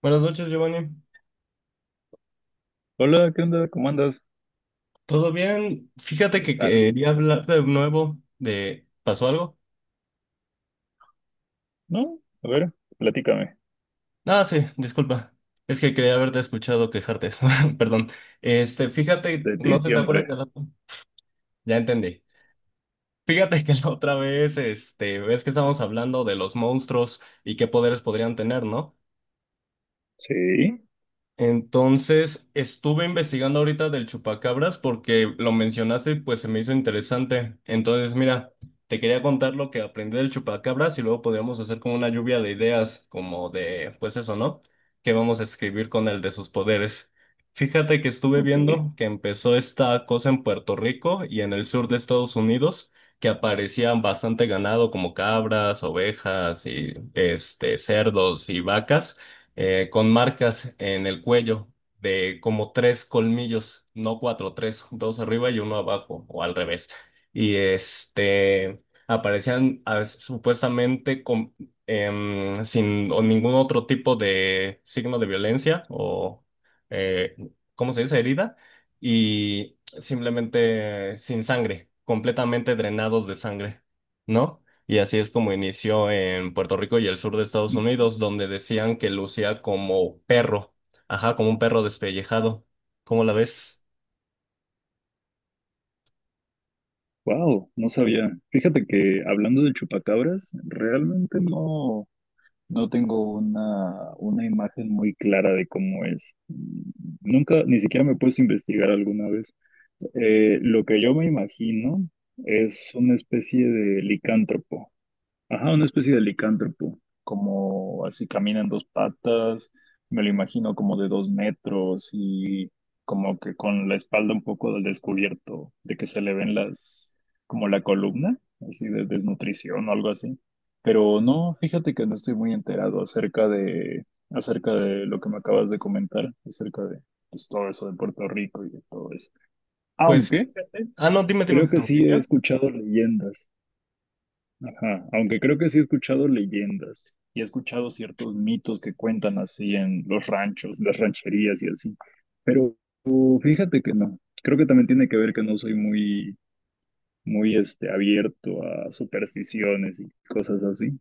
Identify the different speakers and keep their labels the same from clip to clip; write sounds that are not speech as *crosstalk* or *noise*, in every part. Speaker 1: Buenas noches, Giovanni.
Speaker 2: Hola, ¿qué onda? ¿Cómo andas?
Speaker 1: ¿Todo bien? Fíjate
Speaker 2: ¿Qué
Speaker 1: que
Speaker 2: tal?
Speaker 1: quería hablar de nuevo de... ¿Pasó algo?
Speaker 2: ¿No? A ver, platícame.
Speaker 1: Ah, sí, disculpa. Es que quería haberte escuchado quejarte. *laughs* Perdón.
Speaker 2: De
Speaker 1: Fíjate,
Speaker 2: ti
Speaker 1: no sé, ¿te acuerdas de
Speaker 2: siempre.
Speaker 1: la... Ya entendí. Fíjate que la otra vez, ves que estábamos hablando de los monstruos y qué poderes podrían tener, ¿no?
Speaker 2: Sí,
Speaker 1: Entonces, estuve investigando ahorita del chupacabras porque lo mencionaste y pues se me hizo interesante. Entonces, mira, te quería contar lo que aprendí del chupacabras y luego podríamos hacer como una lluvia de ideas, como de, pues eso, ¿no? ¿Qué vamos a escribir con el de sus poderes? Fíjate que estuve
Speaker 2: ok.
Speaker 1: viendo que empezó esta cosa en Puerto Rico y en el sur de Estados Unidos, que aparecían bastante ganado como cabras, ovejas y cerdos y vacas con marcas en el cuello de como tres colmillos, no cuatro, tres, dos arriba y uno abajo, o al revés. Y aparecían supuestamente con, sin o ningún otro tipo de signo de violencia o, eh, ¿cómo se dice? Herida. Y simplemente sin sangre, completamente drenados de sangre, ¿no? Y así es como inició en Puerto Rico y el sur de Estados Unidos, donde decían que lucía como perro, ajá, como un perro despellejado. ¿Cómo la ves?
Speaker 2: Wow, no sabía. Fíjate que hablando de chupacabras, realmente no, no tengo una imagen muy clara de cómo es. Nunca, ni siquiera me he puesto a investigar alguna vez. Lo que yo me imagino es una especie de licántropo. Ajá, una especie de licántropo, como así camina en dos patas, me lo imagino como de dos metros y como que con la espalda un poco del descubierto, de que se le ven las, como la columna, así de desnutrición o algo así. Pero no, fíjate que no estoy muy enterado acerca de lo que me acabas de comentar, acerca de pues, todo eso de Puerto Rico y de todo eso.
Speaker 1: Pues
Speaker 2: Aunque
Speaker 1: fíjate. Ah, no, dime, dime.
Speaker 2: creo que sí he
Speaker 1: ¿Autista?
Speaker 2: escuchado leyendas. Ajá, aunque creo que sí he escuchado leyendas y he escuchado ciertos mitos que cuentan así en los ranchos, las rancherías y así. Pero fíjate que no. Creo que también tiene que ver que no soy muy, muy este, abierto a supersticiones y cosas así.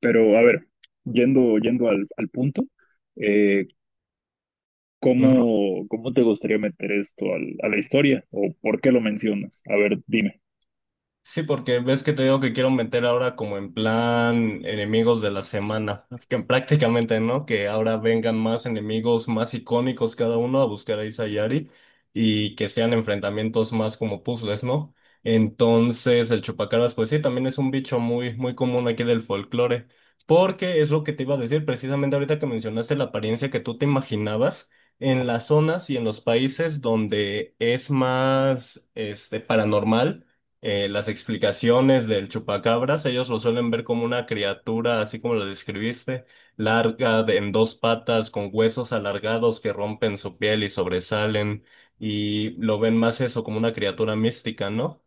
Speaker 2: Pero a ver, yendo al punto, eh, cómo te gustaría meter esto a la historia? ¿O por qué lo mencionas? A ver, dime.
Speaker 1: Sí, porque ves que te digo que quiero meter ahora como en plan enemigos de la semana, que prácticamente, ¿no? Que ahora vengan más enemigos más icónicos cada uno a buscar a Isayari y que sean enfrentamientos más como puzzles, ¿no? Entonces, el chupacabras, pues sí, también es un bicho muy, muy común aquí del folclore, porque es lo que te iba a decir precisamente ahorita que mencionaste la apariencia que tú te imaginabas. En las zonas y en los países donde es más paranormal, las explicaciones del chupacabras, ellos lo suelen ver como una criatura, así como lo describiste, larga, en dos patas, con huesos alargados que rompen su piel y sobresalen, y lo ven más eso como una criatura mística, ¿no?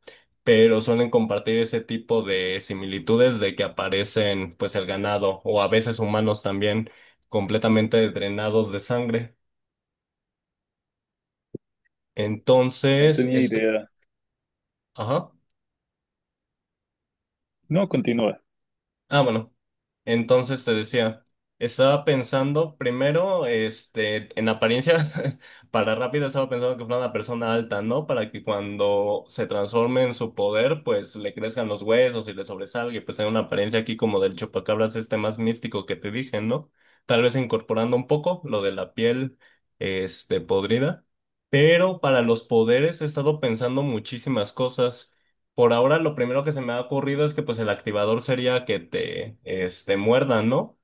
Speaker 1: Pero suelen compartir ese tipo de similitudes de que aparecen, pues, el ganado, o a veces humanos también, completamente drenados de sangre.
Speaker 2: No
Speaker 1: Entonces,
Speaker 2: tenía
Speaker 1: es...
Speaker 2: idea.
Speaker 1: Ajá.
Speaker 2: No, continúa.
Speaker 1: Ah, bueno. Entonces te decía, estaba pensando primero, en apariencia, *laughs* para rápido estaba pensando que fuera una persona alta, ¿no? Para que cuando se transforme en su poder, pues le crezcan los huesos y le sobresalga, y pues hay una apariencia aquí como del chupacabras este más místico que te dije, ¿no? Tal vez incorporando un poco lo de la piel, podrida. Pero para los poderes he estado pensando muchísimas cosas. Por ahora lo primero que se me ha ocurrido es que pues el activador sería que te muerdan, ¿no?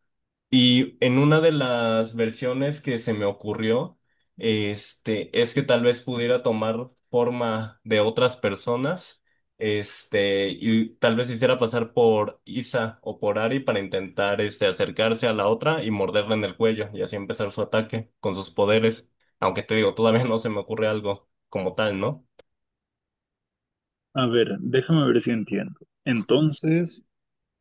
Speaker 1: Y en una de las versiones que se me ocurrió, es que tal vez pudiera tomar forma de otras personas, y tal vez hiciera pasar por Isa o por Ari para intentar acercarse a la otra y morderla en el cuello y así empezar su ataque con sus poderes. Aunque te digo, todavía no se me ocurre algo como tal, ¿no?
Speaker 2: A ver, déjame ver si entiendo. Entonces,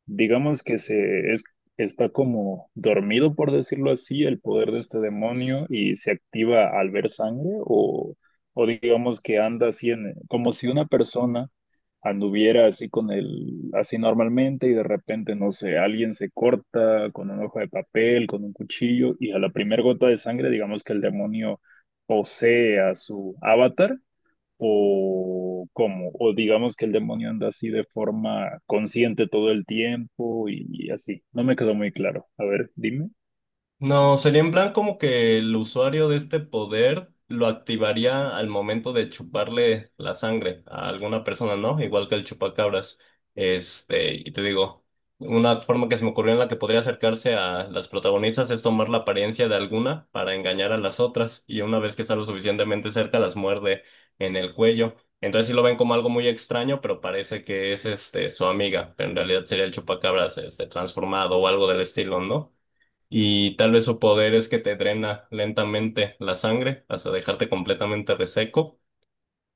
Speaker 2: digamos que está como dormido, por decirlo así, el poder de este demonio y se activa al ver sangre, o digamos que anda así en, como si una persona anduviera así con el, así normalmente y de repente, no sé, alguien se corta con un hoja de papel, con un cuchillo, y a la primera gota de sangre, digamos que el demonio posee a su avatar o cómo, o digamos que el demonio anda así de forma consciente todo el tiempo y así. No me quedó muy claro. A ver, dime.
Speaker 1: No, sería en plan como que el usuario de este poder lo activaría al momento de chuparle la sangre a alguna persona, ¿no? Igual que el chupacabras. Y te digo, una forma que se me ocurrió en la que podría acercarse a las protagonistas es tomar la apariencia de alguna para engañar a las otras, y una vez que está lo suficientemente cerca, las muerde en el cuello. Entonces sí lo ven como algo muy extraño, pero parece que es este su amiga, pero en realidad sería el chupacabras este transformado o algo del estilo, ¿no? Y tal vez su poder es que te drena lentamente la sangre hasta dejarte completamente reseco.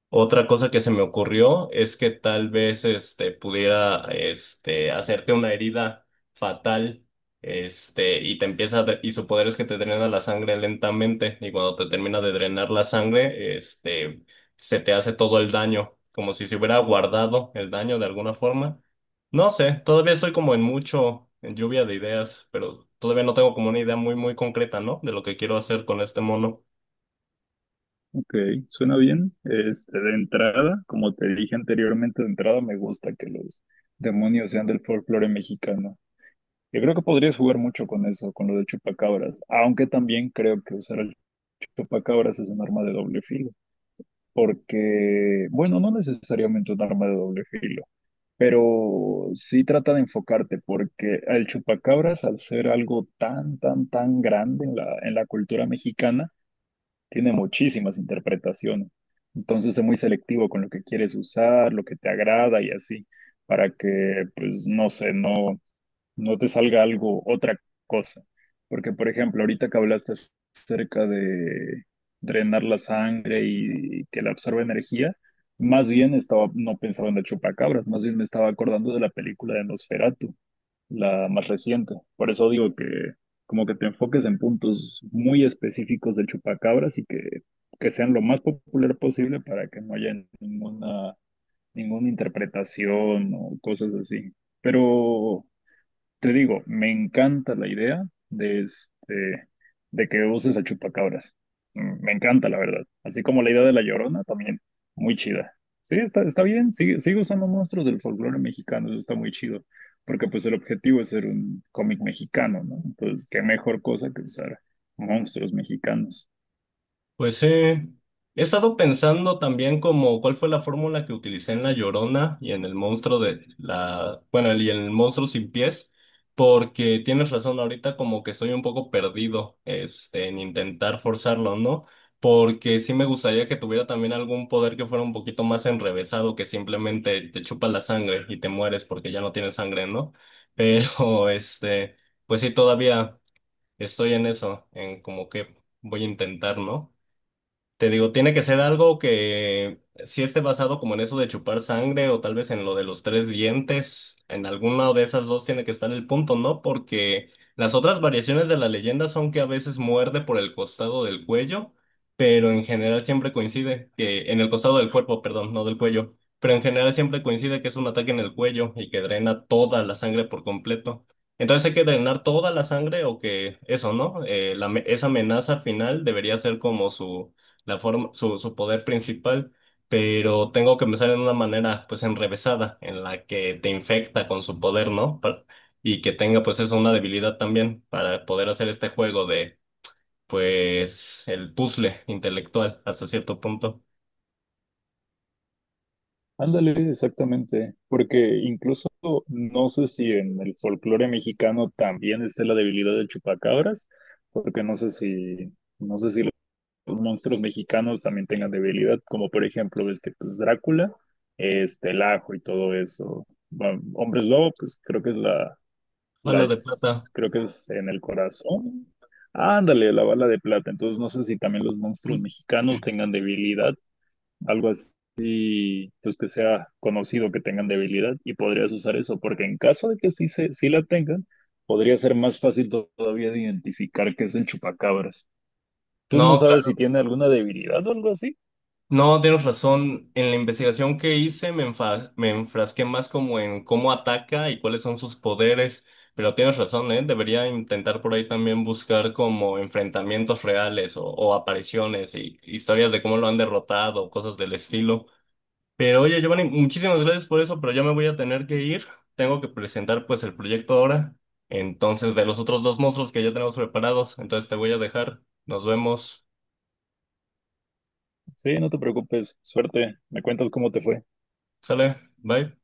Speaker 1: Otra cosa que se me ocurrió es que tal vez pudiera hacerte una herida fatal, y te empieza a y su poder es que te drena la sangre lentamente y cuando te termina de drenar la sangre se te hace todo el daño como si se hubiera guardado el daño de alguna forma. No sé, todavía estoy como en mucho en lluvia de ideas, pero todavía no tengo como una idea muy muy concreta, ¿no? De lo que quiero hacer con este mono.
Speaker 2: Ok, suena bien. Este, de entrada, como te dije anteriormente, de entrada me gusta que los demonios sean del folclore mexicano. Yo creo que podrías jugar mucho con eso, con lo de chupacabras, aunque también creo que usar el chupacabras es un arma de doble filo, porque, bueno, no necesariamente un arma de doble filo. Pero sí trata de enfocarte, porque el chupacabras, al ser algo tan, tan, tan grande en en la cultura mexicana, tiene muchísimas interpretaciones. Entonces es muy selectivo con lo que quieres usar, lo que te agrada y así, para que, pues, no sé, no, no te salga algo, otra cosa. Porque, por ejemplo, ahorita que hablaste acerca de drenar la sangre y que la absorbe energía, más bien estaba, no pensaba en la chupacabras, más bien me estaba acordando de la película de Nosferatu, la más reciente. Por eso digo que como que te enfoques en puntos muy específicos del chupacabras y que sean lo más popular posible para que no haya ninguna, ninguna interpretación o cosas así. Pero te digo, me encanta la idea de, este, de que uses a chupacabras. Mm, me encanta, la verdad. Así como la idea de la Llorona, también muy chida. Sí, está, está bien, sigue, sigue usando monstruos del folclore mexicano, eso está muy chido. Porque pues el objetivo es ser un cómic mexicano, ¿no? Entonces, qué mejor cosa que usar monstruos mexicanos.
Speaker 1: Pues he estado pensando también como cuál fue la fórmula que utilicé en La Llorona y en el monstruo de la, bueno, y en el monstruo sin pies, porque tienes razón, ahorita como que estoy un poco perdido, en intentar forzarlo, ¿no? Porque sí me gustaría que tuviera también algún poder que fuera un poquito más enrevesado, que simplemente te chupa la sangre y te mueres porque ya no tienes sangre, ¿no? Pero, *laughs* pues sí, todavía estoy en eso, en como que voy a intentar, ¿no? Te digo, tiene que ser algo que sí esté basado como en eso de chupar sangre o tal vez en lo de los tres dientes. En alguna de esas dos tiene que estar el punto, ¿no? Porque las otras variaciones de la leyenda son que a veces muerde por el costado del cuello, pero en general siempre coincide que en el costado del cuerpo, perdón, no del cuello, pero en general siempre coincide que es un ataque en el cuello y que drena toda la sangre por completo. Entonces hay que drenar toda la sangre o que eso, ¿no? Esa amenaza final debería ser como su la forma, su poder principal, pero tengo que empezar en una manera pues enrevesada, en la que te infecta con su poder, ¿no? Y que tenga pues eso una debilidad también para poder hacer este juego de pues el puzzle intelectual hasta cierto punto.
Speaker 2: Ándale, exactamente, porque incluso no sé si en el folclore mexicano también está la debilidad del chupacabras, porque no sé si, no sé si los monstruos mexicanos también tengan debilidad, como por ejemplo ves que pues Drácula, este, el Ajo y todo eso, bueno, Hombres Lobo, pues creo que es la, la
Speaker 1: Bala de
Speaker 2: es,
Speaker 1: plata.
Speaker 2: creo que es en el corazón, ándale, la bala de plata, entonces no sé si también los monstruos mexicanos tengan debilidad algo así, pues que sea conocido que tengan debilidad y podrías usar eso, porque en caso de que sí, se, sí la tengan, podría ser más fácil todavía de identificar que es el chupacabras. ¿Tú no
Speaker 1: No,
Speaker 2: sabes si tiene alguna debilidad o algo así?
Speaker 1: No, tienes razón. En la investigación que hice me me enfrasqué más como en cómo ataca y cuáles son sus poderes, pero tienes razón, ¿eh? Debería intentar por ahí también buscar como enfrentamientos reales o apariciones y historias de cómo lo han derrotado, cosas del estilo. Pero oye, Giovanni, muchísimas gracias por eso, pero ya me voy a tener que ir. Tengo que presentar pues el proyecto ahora. Entonces, de los otros dos monstruos que ya tenemos preparados, entonces te voy a dejar. Nos vemos.
Speaker 2: Sí, no te preocupes, suerte, me cuentas cómo te fue.
Speaker 1: Sale, bye.